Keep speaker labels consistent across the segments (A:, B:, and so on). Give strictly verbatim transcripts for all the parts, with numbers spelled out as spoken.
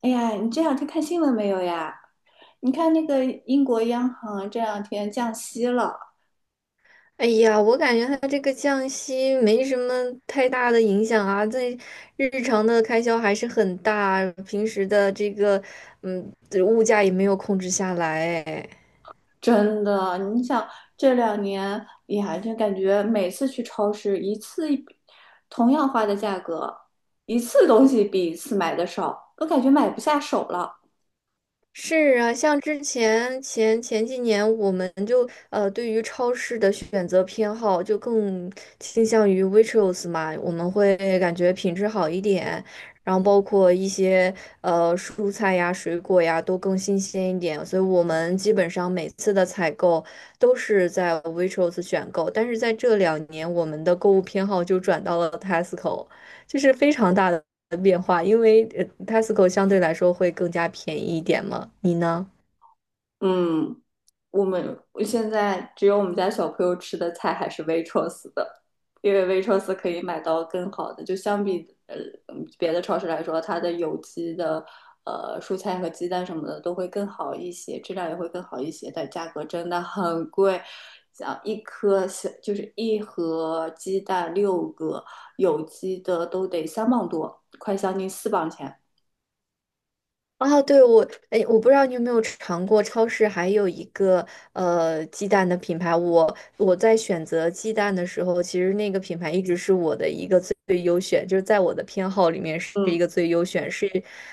A: 哎呀，你这两天看新闻没有呀？你看那个英国央行这两天降息了，
B: 哎呀，我感觉它这个降息没什么太大的影响啊，对日常的开销还是很大，平时的这个嗯物价也没有控制下来哎。
A: 真的。你想这两年，哎呀，就感觉每次去超市一次一同样花的价格，一次东西比一次买的少，都感觉买不下手了。
B: 是啊，像之前前前几年，我们就呃对于超市的选择偏好就更倾向于 w a i t r o s 嘛，我们会感觉品质好一点，然后包括一些呃蔬菜呀、水果呀都更新鲜一点，所以我们基本上每次的采购都是在 w a i t r o s 选购，但是在这两年，我们的购物偏好就转到了 Tesco。就是非常大的变化，因为呃 Tesco 相对来说会更加便宜一点嘛。你呢？
A: 嗯，我们我现在只有我们家小朋友吃的菜还是 w a i r o s 的，因为 w a i r o s 可以买到更好的，就相比呃嗯别的超市来说，它的有机的呃蔬菜和鸡蛋什么的都会更好一些，质量也会更好一些，但价格真的很贵，像一颗小就是一盒鸡蛋六个有机的都得三磅多，快将近四磅钱。
B: 啊，对，我，哎，我不知道你有没有尝过超市还有一个呃鸡蛋的品牌。我我在选择鸡蛋的时候，其实那个品牌一直是我的一个最最优选，就是在我的偏好里面是
A: 嗯，
B: 一个最优选，是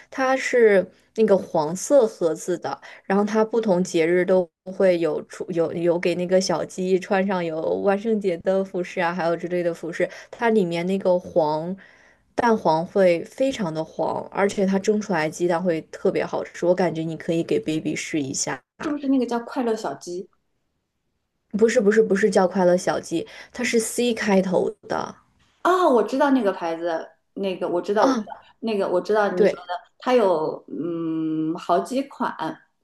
B: 它是那个黄色盒子的。然后它不同节日都会有出有有给那个小鸡穿上有万圣节的服饰啊，还有之类的服饰。它里面那个黄蛋黄会非常的黄，而且它蒸出来鸡蛋会特别好吃。我感觉你可以给 baby 试一下。
A: 是不是那个叫快乐小鸡？
B: 不是不是不是叫快乐小鸡，它是 C 开头的。
A: 哦，我知道那个牌子，那个我知道，我知
B: 啊。
A: 道，那个我知道你说的，
B: 对。
A: 它有嗯好几款，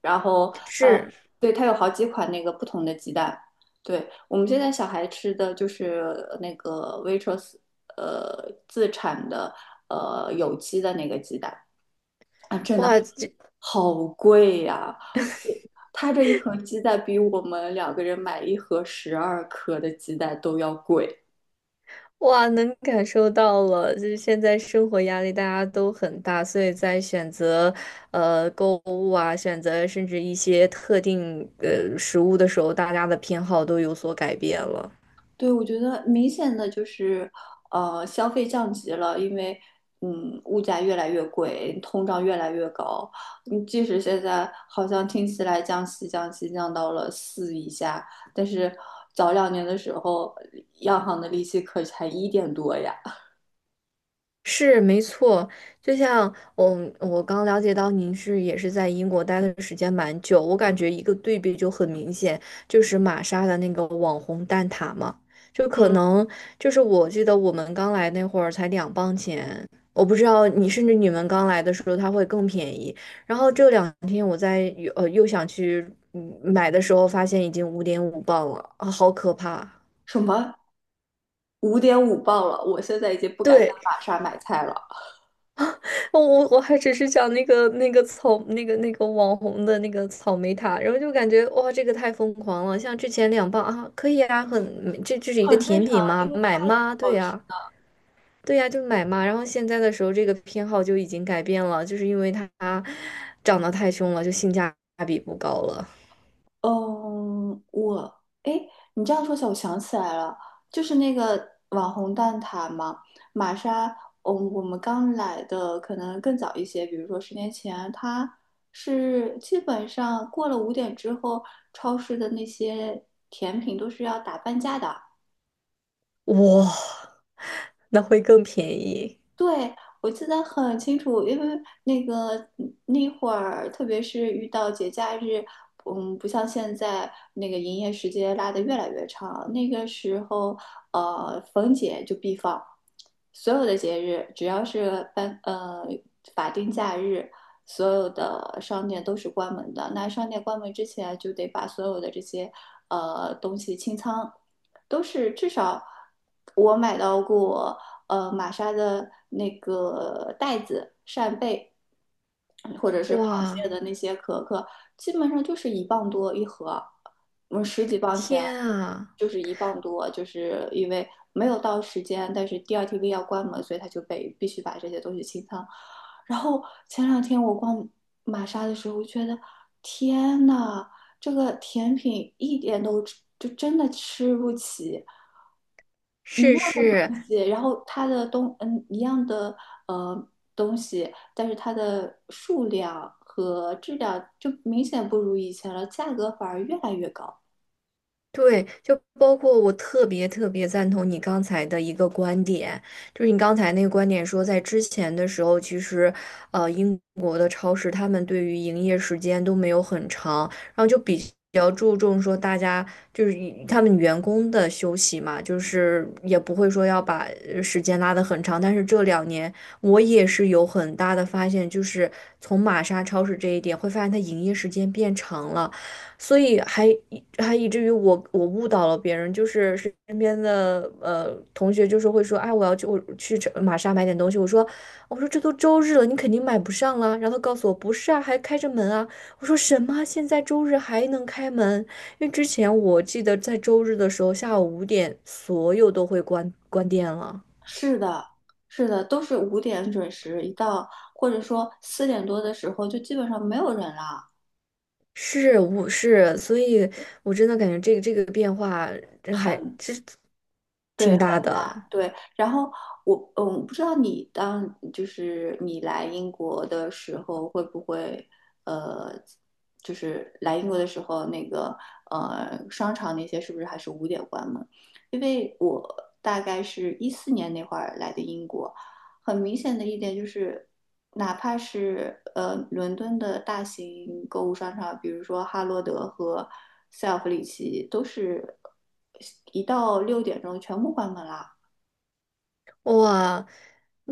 A: 然后呃，
B: 是。
A: 对，它有好几款那个不同的鸡蛋。对，我们现在小孩吃的就是那个 Waitrose 呃自产的呃有机的那个鸡蛋啊，真的
B: 哇，这。
A: 好贵呀、它这一盒鸡蛋比我们两个人买一盒十二颗的鸡蛋都要贵。
B: 哇，能感受到了，就是现在生活压力大家都很大，所以在选择呃购物啊，选择甚至一些特定呃食物的时候，大家的偏好都有所改变了。
A: 对，我觉得明显的就是，呃，消费降级了，因为，嗯，物价越来越贵，通胀越来越高。嗯，即使现在好像听起来降息、降息降到了四以下，但是早两年的时候，央行的利息可才一点多呀，
B: 是没错，就像我我刚了解到您是也是在英国待的时间蛮久，我感觉一个对比就很明显，就是玛莎的那个网红蛋挞嘛，就可
A: 嗯，
B: 能就是我记得我们刚来那会儿才两磅钱，我不知道你甚至你们刚来的时候它会更便宜，然后这两天我在呃又想去嗯买的时候，发现已经五点五磅了，啊，好可怕。
A: 什么五点五磅了，我现在已经不敢在
B: 对，
A: 玛莎买菜了。
B: 我我我还只是讲那个那个草那个那个网红的那个草莓塔，然后就感觉哇，这个太疯狂了。像之前两磅啊，可以啊，很这这是一个
A: 很正
B: 甜
A: 常，
B: 品
A: 因
B: 吗？
A: 为
B: 买
A: 太
B: 吗？对
A: 好吃。
B: 呀、对呀、就买嘛。然后现在的时候，这个偏好就已经改变了，就是因为它长得太凶了，就性价比不高了。
A: 嗯，我，诶，你这样说起来，我想起来了，就是那个网红蛋挞嘛，玛莎，嗯，我们刚来的可能更早一些，比如说十年前，它是基本上过了五点之后，超市的那些甜品都是要打半价的。
B: 哇，那会更便宜。
A: 对，我记得很清楚，因为那个那会儿，特别是遇到节假日，嗯，不像现在那个营业时间拉得越来越长。那个时候，呃，逢节就必放，所有的节日，只要是办呃法定假日，所有的商店都是关门的。那商店关门之前，就得把所有的这些呃东西清仓。都是至少我买到过呃玛莎的那个袋子、扇贝，或者是螃
B: 哇，
A: 蟹的那些壳壳，基本上就是一磅多一盒，我们十几磅钱
B: 天啊。
A: 就是一磅多，就是因为没有到时间，但是第二 T V 要关门，所以他就被必须把这些东西清仓。然后前两天我逛玛莎的时候，我觉得天呐，这个甜品一点都吃就真的吃不起。一
B: 是
A: 样
B: 是，
A: 东西，然后它的东嗯一样的呃东西，但是它的数量和质量就明显不如以前了，价格反而越来越高。
B: 对，就包括我特别特别赞同你刚才的一个观点，就是你刚才那个观点说，在之前的时候，其实，呃，英国的超市他们对于营业时间都没有很长，然后就比较注重说大家就是以他们员工的休息嘛，就是也不会说要把呃时间拉得很长。但是这两年我也是有很大的发现，就是从玛莎超市这一点会发现它营业时间变长了。所以还还以至于我我误导了别人，就是身边的呃同学就是会说，哎，我要去我去这玛莎买点东西，我说我说这都周日了，你肯定买不上了。然后他告诉我不是啊，还开着门啊。我说什么？现在周日还能开门？因为之前我记得在周日的时候下午五点所有都会关关店了。
A: 是的，是的，都是五点准时，一到或者说四点多的时候，就基本上没有人了，
B: 是，我是，所以我真的感觉这个这个变化真还
A: 很。
B: 实挺
A: 对。
B: 大的。
A: 对，然后我嗯，不知道你当就是你来英国的时候会不会呃，就是来英国的时候那个呃商场那些是不是还是五点关门？因为我大概是一四年那会儿来的英国，很明显的一点就是，哪怕是呃伦敦的大型购物商场，比如说哈罗德和塞尔弗里奇，都是一到六点钟全部关门啦。
B: 哇，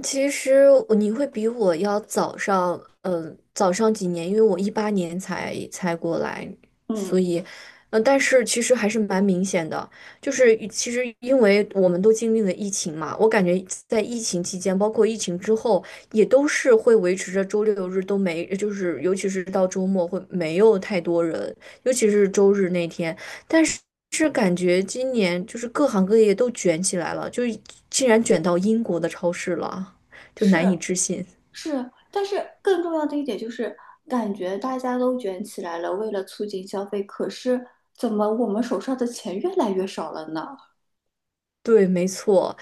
B: 其实我你会比我要早上，嗯、早上几年，因为我一八年才才过来，
A: 嗯，
B: 所以，嗯、但是其实还是蛮明显的，就是其实因为我们都经历了疫情嘛，我感觉在疫情期间，包括疫情之后，也都是会维持着周六日都没，就是尤其是到周末会没有太多人，尤其是周日那天。但是是感觉今年就是各行各业都卷起来了，就竟然卷到英国的超市了，就
A: 是
B: 难以置信。
A: 是，但是更重要的一点就是，感觉大家都卷起来了，为了促进消费，可是怎么我们手上的钱越来越少了呢？
B: 对，没错，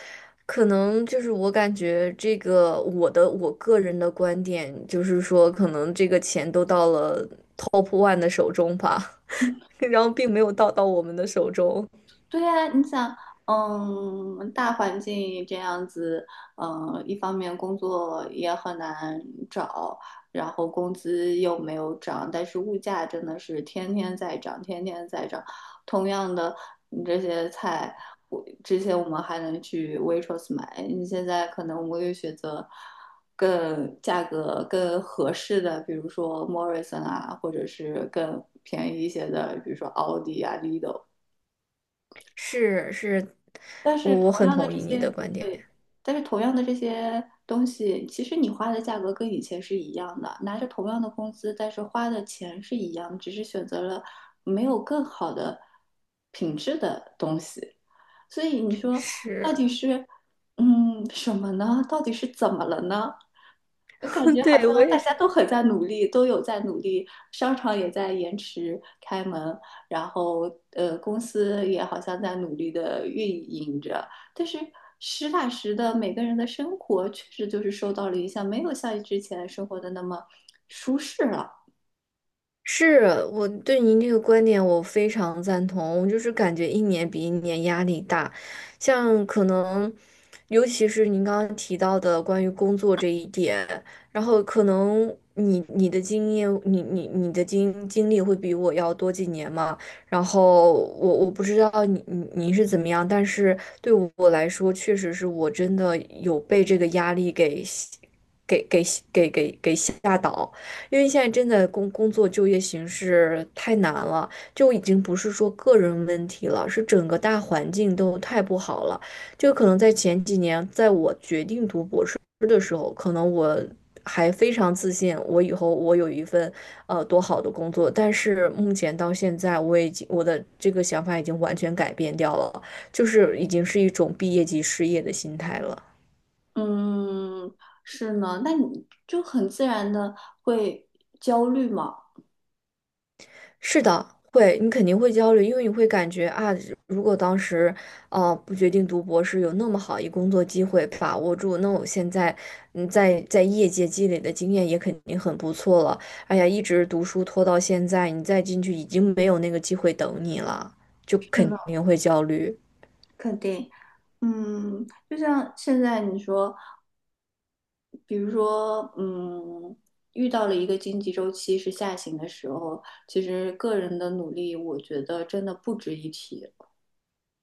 B: 可能就是我感觉这个我的我个人的观点就是说，可能这个钱都到了 Top One 的手中吧，然后并没有到到我们的手中。
A: 对呀，你想，嗯，大环境这样子，嗯，一方面工作也很难找，然后工资又没有涨，但是物价真的是天天在涨，天天在涨。同样的，你这些菜，我之前我们还能去 Waitrose 买，你现在可能我们又选择更价格更合适的，比如说 Morrison 啊，或者是更便宜一些的，比如说 Aldi 啊、Lidl。
B: 是是，
A: 但
B: 我
A: 是
B: 我
A: 同
B: 很
A: 样的
B: 同
A: 这
B: 意你的
A: 些，
B: 观点。
A: 对，但是同样的这些东西，其实你花的价格跟以前是一样的，拿着同样的工资，但是花的钱是一样，只是选择了没有更好的品质的东西。所以你说到
B: 是，
A: 底是嗯什么呢？到底是怎么了呢？我感觉 好像
B: 对，我也
A: 大家
B: 是。
A: 都很在努力，都有在努力，商场也在延迟开门，然后呃，公司也好像在努力的运营着。但是实打实的，每个人的生活确实就是受到了影响，没有像之前生活的那么舒适了。
B: 是，我对您这个观点，我非常赞同。我就是感觉一年比一年压力大，像可能，尤其是您刚刚提到的关于工作这一点，然后可能你你的经验，你你你的经经历会比我要多几年嘛。然后我我不知道你你你是怎么样，但是对我来说，确实是我真的有被这个压力给给给给给给吓倒。因为现在真的工工作就业形势太难了，就已经不是说个人问题了，是整个大环境都太不好了。就可能在前几年，在我决定读博士的时候，可能我还非常自信，我以后我有一份呃多好的工作。但是目前到现在，我已经我的这个想法已经完全改变掉了，就是已经是一种毕业即失业的心态了。
A: 嗯，是呢，那你就很自然的会焦虑嘛？
B: 是的，会，你肯定会焦虑，因为你会感觉啊，如果当时，呃，不决定读博士，有那么好一工作机会把握住，那我现在，嗯，在在业界积累的经验也肯定很不错了。哎呀，一直读书拖到现在，你再进去已经没有那个机会等你了，就
A: 是
B: 肯
A: 呢，
B: 定会焦虑。
A: 肯定。嗯，就像现在你说。比如说，嗯，遇到了一个经济周期是下行的时候，其实个人的努力，我觉得真的不值一提。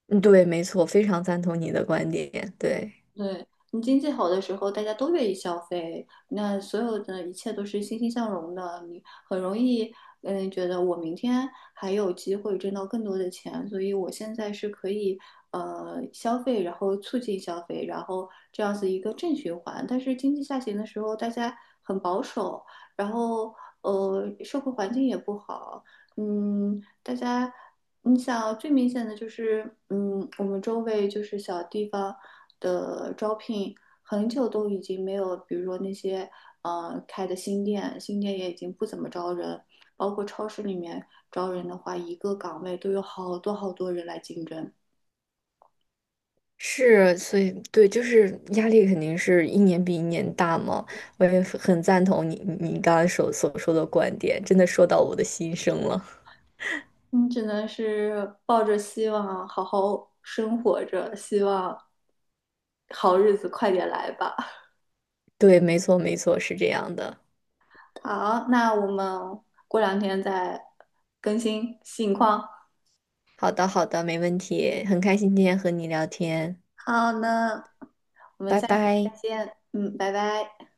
B: 嗯，对，没错，非常赞同你的观点，对。
A: 对，你经济好的时候，大家都愿意消费，那所有的一切都是欣欣向荣的，你很容易，嗯，觉得我明天还有机会挣到更多的钱，所以我现在是可以，呃，消费，然后促进消费，然后这样子一个正循环。但是经济下行的时候，大家很保守，然后，呃，社会环境也不好，嗯，大家。你想最明显的就是，嗯，我们周围就是小地方的招聘，很久都已经没有，比如说那些呃开的新店，新店也已经不怎么招人，包括超市里面招人的话，一个岗位都有好多好多人来竞争，
B: 是，所以对，就是压力肯定是一年比一年大嘛。我也很赞同你你刚刚所所说的观点，真的说到我的心声了。
A: 你只能是抱着希望好好生活着，希望好日子快点来吧。
B: 对，没错，没错，是这样的。
A: 好，那我们过两天再更新近况。
B: 好的，好的，没问题，很开心今天和你聊天，
A: 好呢，我们
B: 拜
A: 下次再
B: 拜。
A: 见。嗯，拜拜。